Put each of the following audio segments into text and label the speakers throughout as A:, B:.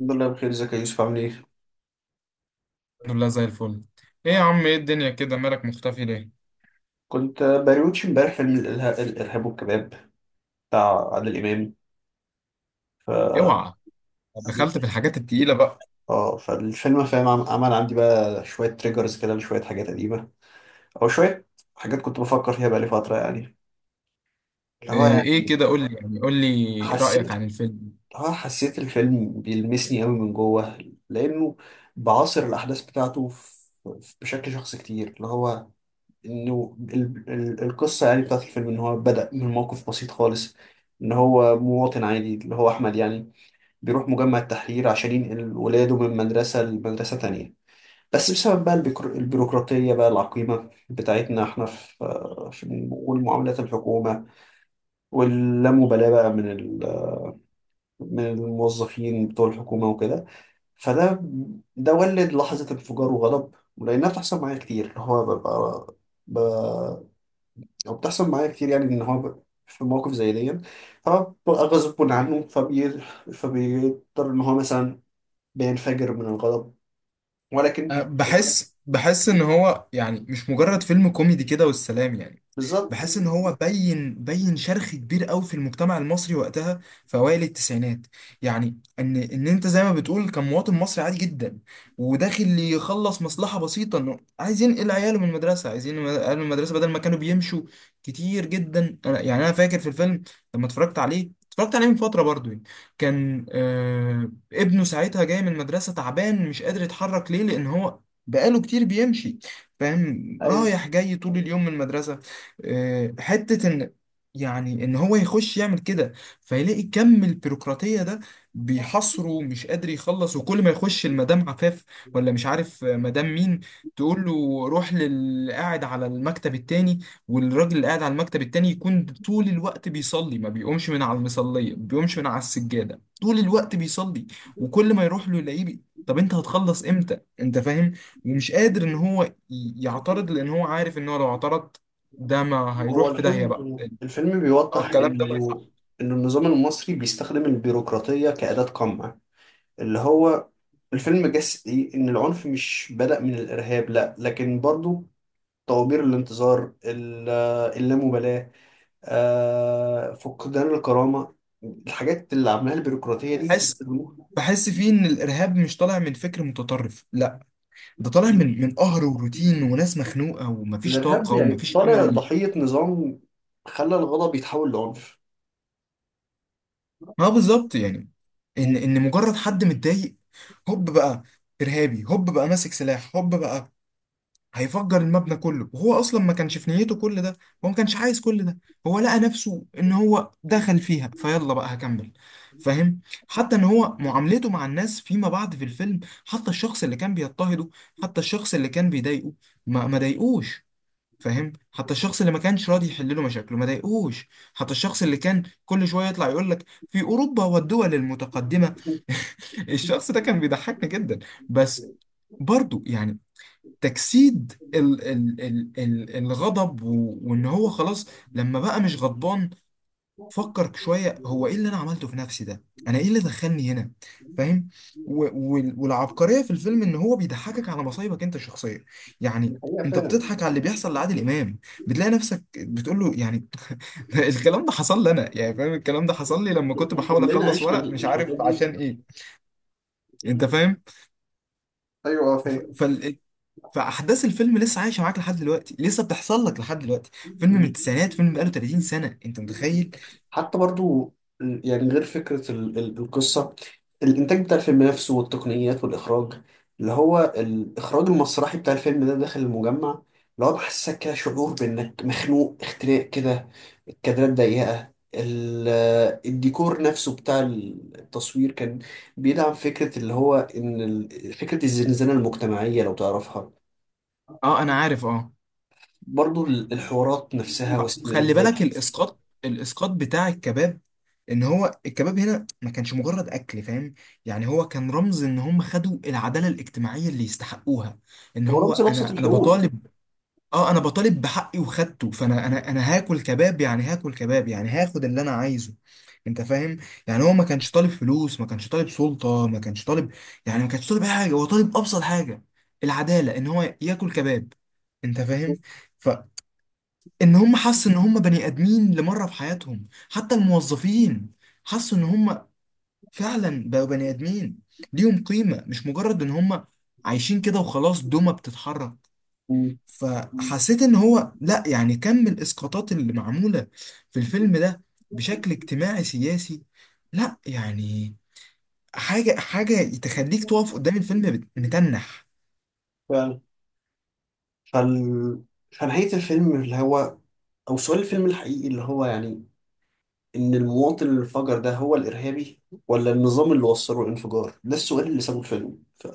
A: الحمد لله بخير، ازيك يا يوسف؟ عامل ايه؟
B: الحمد لله زي الفل. ايه يا عم؟ ايه الدنيا كده، مالك مختفي ليه؟
A: كنت بريوتش امبارح فيلم الإرهاب والكباب بتاع عادل إمام. ف
B: اوعى، دخلت في الحاجات التقيلة بقى!
A: اه فالفيلم، فاهم، عمل عندي بقى شوية تريجرز كده لشوية حاجات قديمة، أو شوية حاجات كنت بفكر فيها بقالي فترة، يعني اللي هو
B: ايه
A: يعني
B: إيه كده قول لي، يعني قول لي
A: حسيت،
B: رأيك عن الفيلم.
A: اللي هو حسيت الفيلم بيلمسني قوي من جوه، لأنه بعاصر الأحداث بتاعته بشكل شخصي كتير. اللي هو انه القصه يعني بتاعت الفيلم ان هو بدأ من موقف بسيط خالص، ان هو مواطن عادي اللي هو احمد يعني بيروح مجمع التحرير عشان ينقل ولاده من مدرسه لمدرسه تانية. بس بسبب بقى البيروقراطيه بقى العقيمه بتاعتنا احنا في في والمعاملات الحكومه، واللامبالاه بقى من الموظفين بتوع الحكومه وكده. فده ده ولد لحظه انفجار وغضب، ولانها بتحصل معايا كتير، اللي هو ببقى، او بتحصل معايا كتير يعني ان هو في مواقف زي دي فببقى غصب عنه فبي... فبيضطر ان هو مثلا بينفجر من الغضب. ولكن
B: أه، بحس ان هو يعني مش مجرد فيلم كوميدي كده والسلام، يعني.
A: بالظبط،
B: بحس ان هو بين شرخ كبير قوي في المجتمع المصري وقتها، في اوائل التسعينات. يعني ان انت زي ما بتقول كان مواطن مصري عادي جدا، وداخل يخلص مصلحه بسيطه، انه عايز ينقل عياله من المدرسه، عايزين عياله من المدرسه بدل ما كانوا بيمشوا كتير جدا. يعني انا فاكر في الفيلم، لما اتفرجت عليه من فتره برضو يعني، كان ابنه ساعتها جاي من المدرسه تعبان، مش قادر يتحرك، ليه؟ لان هو بقاله كتير بيمشي، فاهم؟
A: ايوه.
B: رايح جاي طول اليوم من المدرسة. آه، حتة إن، يعني إن هو يخش يعمل كده، فيلاقي كم البيروقراطية ده بيحصره ومش قادر يخلص. وكل ما يخش المدام عفاف، ولا مش عارف مدام مين، تقول له: روح للي قاعد على المكتب التاني. والراجل اللي قاعد على المكتب التاني يكون طول الوقت بيصلي، ما بيقومش من على المصلية، ما بيقومش من على السجادة، طول الوقت بيصلي. وكل ما يروح له يلاقيه. طب انت هتخلص امتى؟ انت فاهم؟ ومش قادر ان هو يعترض، لان هو عارف ان هو لو اعترض، ده ما
A: هو
B: هيروح في داهية بقى.
A: الفيلم، الفيلم
B: اه،
A: بيوضح
B: الكلام ده ما يصح.
A: انه ان النظام المصري بيستخدم البيروقراطية كأداة قمع. اللي هو الفيلم جسدي ان العنف مش بدأ من الارهاب، لا، لكن برضو طوابير الانتظار، اللامبالاة، آه، فقدان الكرامة، الحاجات اللي عاملاها البيروقراطية دي
B: بحس بحس فيه ان الارهاب مش طالع من فكر متطرف، لا، ده طالع من قهر وروتين وناس مخنوقة، ومفيش
A: الإرهاب
B: طاقة
A: يعني
B: ومفيش
A: طالع
B: امل.
A: ضحية نظام خلى الغضب يتحول لعنف.
B: ما بالظبط يعني، ان مجرد حد متضايق، هوب بقى ارهابي، هوب بقى ماسك سلاح، هوب بقى هيفجر المبنى كله، وهو اصلا ما كانش في نيته كل ده. هو ما كانش عايز كل ده. هو لقى نفسه ان هو دخل فيها، فيلا بقى هكمل. فاهم؟ حتى ان هو معاملته مع الناس فيما بعد في الفيلم، حتى الشخص اللي كان بيضطهده، حتى الشخص اللي كان بيضايقه، ما ضايقوش. فاهم؟ حتى الشخص اللي ما كانش راضي يحل له مشاكله ما ضايقوش. حتى الشخص اللي كان كل شويه يطلع يقول لك: في اوروبا والدول المتقدمه. الشخص ده كان بيضحكني جدا. بس برضو يعني، تجسيد ال الغضب وان هو خلاص. لما بقى مش غضبان، فكر شوية: هو ايه اللي انا عملته في نفسي ده؟ انا ايه اللي دخلني هنا؟ فاهم؟ والعبقرية في الفيلم ان هو بيضحكك على مصايبك انت الشخصية،
A: دي
B: يعني.
A: حقيقة
B: انت
A: فعلا،
B: بتضحك على اللي بيحصل لعادل امام، بتلاقي نفسك بتقول له يعني الكلام ده حصل لي انا يعني، فاهم؟ الكلام ده حصل لي لما كنت بحاول
A: كلنا
B: اخلص
A: عشنا
B: ورق مش
A: الحوارات
B: عارف
A: دي.
B: عشان ايه. انت فاهم؟
A: أيوة، آه.
B: فاحداث الفيلم لسه عايشه معاك لحد دلوقتي، لسه بتحصل لك لحد دلوقتي. فيلم
A: فاهم.
B: من التسعينات، فيلم بقاله 30 سنه، انت متخيل؟
A: حتى برضو يعني غير فكرة القصة، الإنتاج بتاع الفيلم نفسه والتقنيات والإخراج، اللي هو الإخراج المسرحي بتاع الفيلم ده داخل المجمع، اللي هو بحسسك كده شعور بإنك مخنوق اختناق كده. الكادرات ضيقة، الديكور نفسه بتاع التصوير كان بيدعم فكرة اللي هو إن فكرة الزنزانة المجتمعية لو تعرفها.
B: اه، انا عارف، اه.
A: برضو الحوارات نفسها
B: خلي
A: والسيناريوهات.
B: بالك، الاسقاط بتاع الكباب. ان هو الكباب هنا ما كانش مجرد اكل، فاهم؟ يعني هو كان رمز ان هم خدوا العداله الاجتماعيه اللي يستحقوها. ان
A: هو
B: هو
A: رمز لأبسط
B: انا
A: الحقوق.
B: بطالب. اه، انا بطالب بحقي وخدته. فانا انا هاكل كباب، يعني هاكل كباب، يعني هاخد اللي انا عايزه. انت فاهم؟ يعني هو ما كانش طالب فلوس، ما كانش طالب سلطة، ما كانش طالب، يعني ما كانش طالب أي حاجة، هو طالب ابسط حاجة. العدالة ان هو ياكل كباب. انت فاهم؟ فان هم حسوا ان هم بني ادمين لمرة في حياتهم، حتى الموظفين حسوا ان هم فعلا بقوا بني ادمين، ليهم قيمة، مش مجرد ان هم عايشين كده وخلاص، دومة بتتحرك.
A: مم.
B: فحسيت ان هو، لا يعني، كم من الاسقاطات اللي معموله في الفيلم ده بشكل اجتماعي سياسي، لا يعني، حاجه تخليك تقف قدام الفيلم متنح.
A: فعلا. فال... فنهاية الفيلم، اللي هو أو سؤال الفيلم الحقيقي اللي هو يعني إن المواطن اللي انفجر ده هو الإرهابي، ولا النظام اللي وصله الانفجار؟ ده السؤال اللي سابه الفيلم.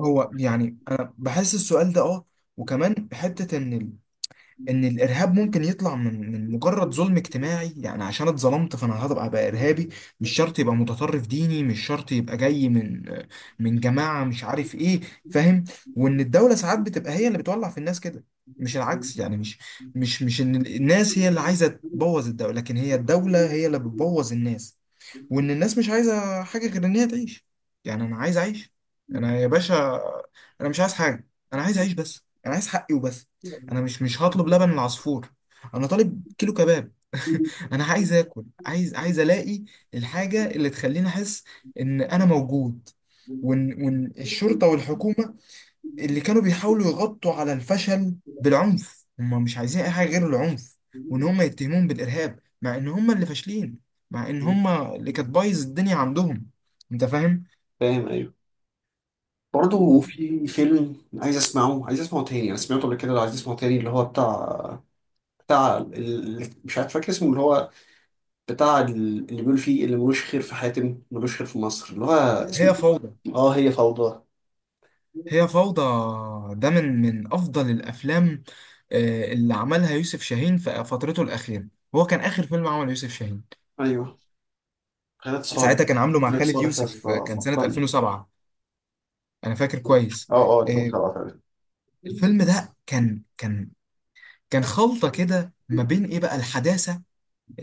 B: هو يعني انا بحس السؤال ده اه، وكمان حته ان الارهاب ممكن يطلع من مجرد ظلم اجتماعي، يعني عشان اتظلمت فانا هبقى بقى ارهابي، مش شرط يبقى متطرف ديني، مش شرط يبقى جاي من جماعة مش عارف ايه. فاهم؟ وان الدولة ساعات بتبقى هي اللي بتولع في الناس كده، مش العكس. يعني مش ان الناس هي اللي عايزة تبوظ الدولة، لكن هي الدولة هي اللي بتبوظ الناس. وان الناس مش عايزه حاجه غير ان هي تعيش. يعني انا عايز اعيش، انا يا باشا، انا مش عايز حاجه، انا عايز اعيش بس، انا عايز حقي وبس. انا مش هطلب لبن العصفور. انا طالب كيلو كباب. انا عايز اكل، عايز الاقي الحاجه اللي تخليني احس ان انا موجود. وان الشرطه والحكومه اللي كانوا بيحاولوا يغطوا على الفشل بالعنف، هم مش عايزين اي حاجه غير العنف. وان هم يتهمون بالارهاب، مع ان هم اللي فاشلين، مع ان هم اللي كانت بايظ الدنيا عندهم. انت فاهم؟
A: فاهم، أيوه. برضه
B: وهي
A: في فيلم عايز أسمعه، عايز أسمعه تاني أنا سمعته قبل كده، عايز أسمعه تاني، اللي هو بتاع، بتاع ال... مش عارف فاكر اسمه، اللي هو اللي بيقول فيه اللي ملوش خير في حاتم ملوش خير في مصر، اللي هو اسمه
B: فوضى.
A: إيه؟ اه، هي فوضى.
B: هي فوضى. ده من افضل الافلام، اللي عملها يوسف شاهين في فترته الاخيره. هو كان اخر فيلم عمله يوسف شاهين.
A: ايوه. خالد صالح.
B: ساعتها كان عامله مع
A: خالد
B: خالد
A: صالح يا اسطى،
B: يوسف، كان سنه
A: عبقري.
B: 2007. انا فاكر كويس.
A: اه اه،
B: آه،
A: 2007 تقريبا.
B: الفيلم ده كان خلطة كده ما بين ايه بقى الحداثة،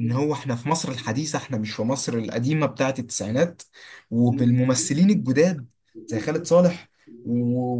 B: ان هو احنا في مصر الحديثة، احنا مش في مصر القديمة بتاعة التسعينات، وبالممثلين الجداد زي خالد صالح، و...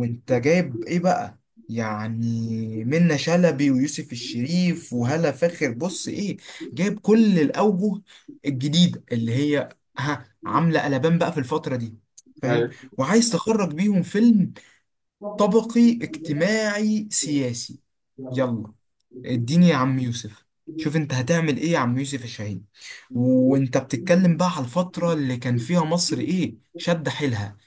B: وانت جايب ايه بقى، يعني منة شلبي ويوسف الشريف وهالة فاخر، بص ايه، جايب كل الأوجه الجديدة اللي هي ها عاملة قلبان بقى في الفترة دي. فاهم؟
A: ايوه
B: وعايز تخرج بيهم فيلم طبقي اجتماعي سياسي. يلا، اديني يا عم يوسف. شوف انت هتعمل ايه يا عم يوسف الشهيد. وانت بتتكلم بقى على الفترة اللي كان فيها مصر ايه، شد حيلها،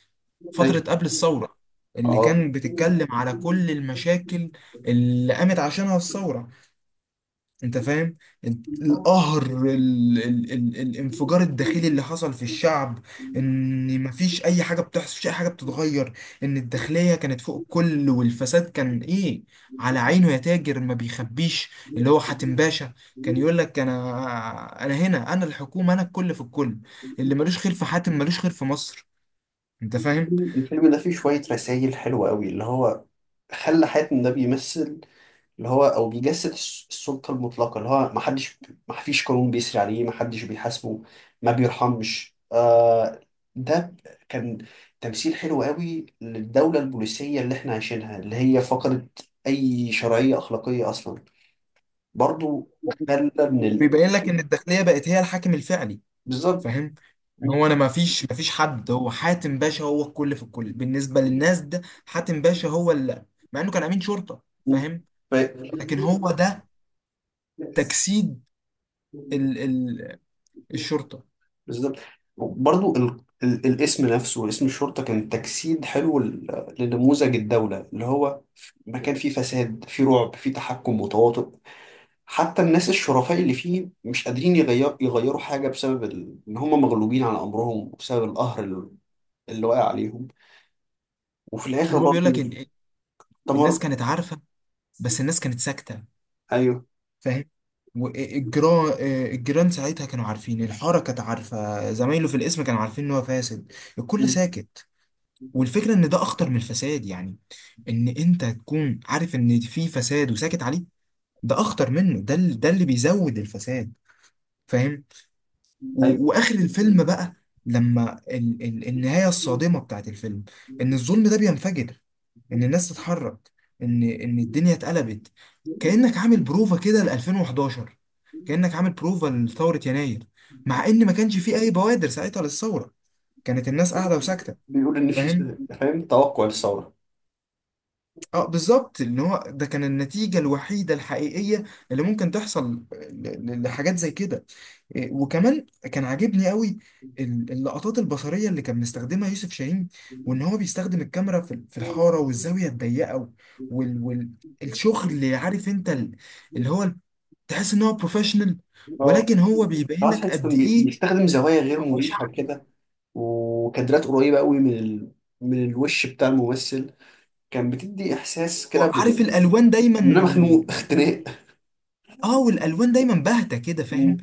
B: فترة
A: ايوه.
B: قبل الثورة، اللي
A: اه،
B: كان بتتكلم على كل المشاكل اللي قامت عشانها الثورة. انت فاهم؟ القهر، الانفجار الداخلي اللي حصل في الشعب، ان مفيش اي حاجه بتحصل، مفيش اي حاجه بتتغير، ان الداخليه كانت فوق الكل، والفساد كان ايه، على عينه يا تاجر ما بيخبيش. اللي هو حاتم باشا كان يقول لك: انا هنا، انا الحكومه، انا الكل في الكل. اللي ملوش خير في حاتم ملوش خير في مصر. انت فاهم؟
A: الفيلم ده فيه شوية رسائل حلوة قوي، اللي هو خلى حاتم ده بيمثل، اللي هو أو بيجسد السلطة المطلقة، اللي هو محدش، محفيش قانون بيسري عليه، محدش بيحاسبه، ما بيرحمش، آه. ده كان تمثيل حلو قوي للدولة البوليسية اللي احنا عايشينها، اللي هي فقدت أي شرعية أخلاقية أصلا. برضو خلى من
B: وبيبين لك ان الداخليه بقت هي الحاكم الفعلي.
A: بالظبط.
B: فاهم؟ إن هو، انا ما فيش حد، هو حاتم باشا هو الكل في الكل بالنسبه للناس، ده حاتم باشا هو اللي، مع انه كان امين شرطه. فاهم؟ لكن هو ده
A: ف-
B: تجسيد ال... ال... الشرطه.
A: بالظبط. برضو الاسم نفسه، اسم الشرطة كان تجسيد حلو لنموذج الدولة اللي هو مكان فيه فساد، فيه رعب، فيه تحكم متواطئ. حتى الناس الشرفاء اللي فيه مش قادرين يغيروا حاجة بسبب إن هم مغلوبين على أمرهم، وبسبب القهر اللي واقع عليهم. وفي الآخر
B: ما هو بيقول
A: برضو
B: لك إن
A: تمر.
B: الناس كانت عارفه، بس الناس كانت ساكته.
A: أيوه.
B: فاهم؟ والجيران ساعتها كانوا عارفين، الحاره كانت عارفه، زمايله في القسم كانوا عارفين ان هو فاسد. الكل
A: مم.
B: ساكت. والفكره ان ده اخطر من الفساد، يعني ان انت تكون عارف ان في فساد وساكت عليه، ده اخطر منه، ده اللي بيزود الفساد. فاهم؟
A: أيوه،
B: واخر الفيلم بقى، لما ال النهايه الصادمه بتاعت الفيلم، ان الظلم ده بينفجر، ان الناس تتحرك، ان الدنيا اتقلبت. كانك عامل بروفا كده ل 2011، كانك عامل بروفا لثوره يناير، مع ان ما كانش فيه اي بوادر ساعتها للثوره، كانت الناس قاعده وساكته.
A: بيقول إن في،
B: فاهم؟
A: فاهم، توقع للثورة.
B: اه بالظبط، ان هو ده كان النتيجه الوحيده الحقيقيه اللي ممكن تحصل لحاجات زي كده. إيه، وكمان كان عاجبني قوي اللقطات البصرية اللي كان مستخدمها يوسف شاهين، وان هو بيستخدم الكاميرا في الحارة والزاوية الضيقة، والشغل اللي عارف انت اللي هو، تحس ان هو بروفيشنال.
A: اه.
B: ولكن هو بيبين
A: خلاص،
B: لك
A: تحسه
B: قد
A: كان
B: ايه
A: بيستخدم زوايا غير
B: هو
A: مريحة
B: شعبي.
A: كده، وكادرات قريبة قوي من من الوش بتاع الممثل، كان بتدي إحساس كده
B: وعارف
A: ب...
B: الالوان دايما،
A: إن أنا مخنوق اختناق.
B: اه والالوان دايما باهتة كده. فاهم؟
A: مم.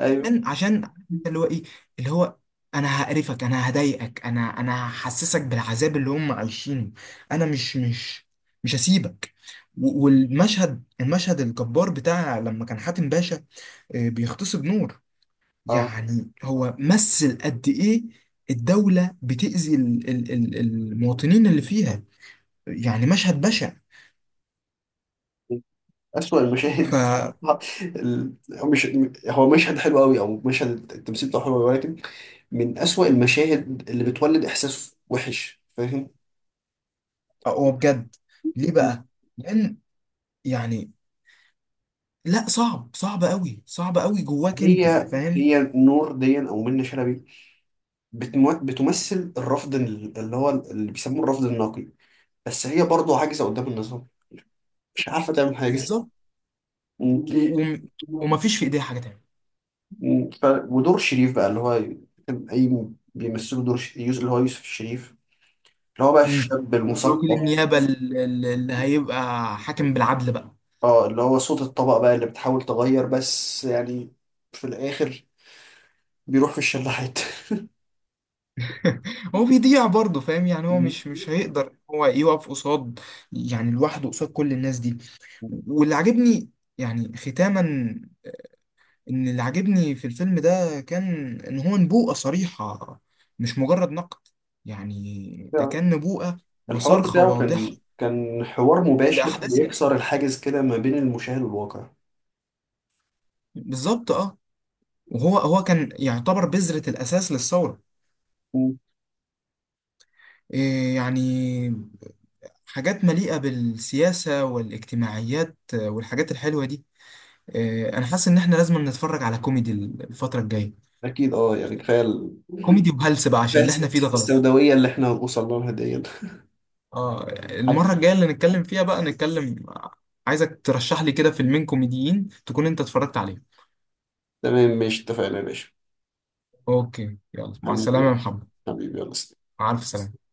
A: أيوه.
B: عشان انت اللي هو ايه، اللي هو، انا هقرفك، انا هضايقك، انا هحسسك بالعذاب اللي هم عايشينه. انا مش هسيبك. والمشهد المشهد الجبار بتاع لما كان حاتم باشا بيغتصب نور.
A: اه،
B: يعني هو مثل قد ايه الدولة بتأذي المواطنين اللي فيها، يعني مشهد بشع.
A: أسوأ
B: ف
A: المشاهد آه. هو مش، هو مشهد حلو قوي، أو مشهد التمثيل بتاعه حلو أوي، ولكن من أسوأ المشاهد اللي بتولد إحساس وحش، فاهم.
B: هو بجد، ليه بقى؟ لأن يعني، لا، صعب صعب قوي، صعب قوي جواك، انت
A: هي
B: فاهم؟
A: هي نور دي، أو منة شلبي، بتمثل الرفض اللي بيسموه الرفض النقي. بس هي برضه عاجزة قدام النظام، مش عارفة تعمل حاجة.
B: بالظبط،
A: م-
B: و... و... ومفيش في ايديها حاجه تانية.
A: ودور شريف بقى، اللي هو كان أي، بيمثلوا دور يوسف، اللي هو يوسف الشريف، اللي هو بقى
B: امم.
A: الشاب المثقف.
B: وكيل النيابه اللي هيبقى حاكم بالعدل بقى.
A: اه، اللي هو صوت الطبقة بقى اللي بتحاول تغير، بس يعني في الآخر بيروح في الشلاحات
B: هو بيضيع برضه، فاهم؟ يعني هو
A: مم.
B: مش هيقدر هو يقف قصاد، يعني لوحده قصاد كل الناس دي. واللي عاجبني، يعني ختاما، ان اللي عاجبني في الفيلم ده كان ان هو نبوءة صريحة، مش مجرد نقد، يعني ده
A: يعني
B: كان نبوءة
A: الحوار
B: وصرخة
A: بتاعه
B: واضحة
A: كان حوار مباشر
B: لأحداث، يعني.
A: بيكسر الحاجز كده ما بين المشاهد والواقع.
B: بالظبط، اه. وهو كان يعتبر بذرة الأساس للثورة. إيه يعني، حاجات مليئة بالسياسة والاجتماعيات، والحاجات الحلوة دي. إيه، أنا حاسس إن إحنا لازم نتفرج على كوميدي الفترة الجاية.
A: اكيد، اه. يعني كفايه
B: كوميدي وهلس بقى عشان
A: كفاية
B: اللي إحنا فيه ده غلط.
A: السوداويه اللي احنا هنوصل لها دي
B: آه. المرة
A: حبيبي،
B: الجاية اللي نتكلم فيها بقى نتكلم، عايزك ترشح لي كده فيلمين كوميديين تكون أنت اتفرجت عليهم.
A: تمام ماشي، اتفقنا يا باشا.
B: أوكي، يلا، مع السلامة يا
A: حبيبي،
B: محمد.
A: حبيبي، يلا سلام.
B: مع ألف سلامة.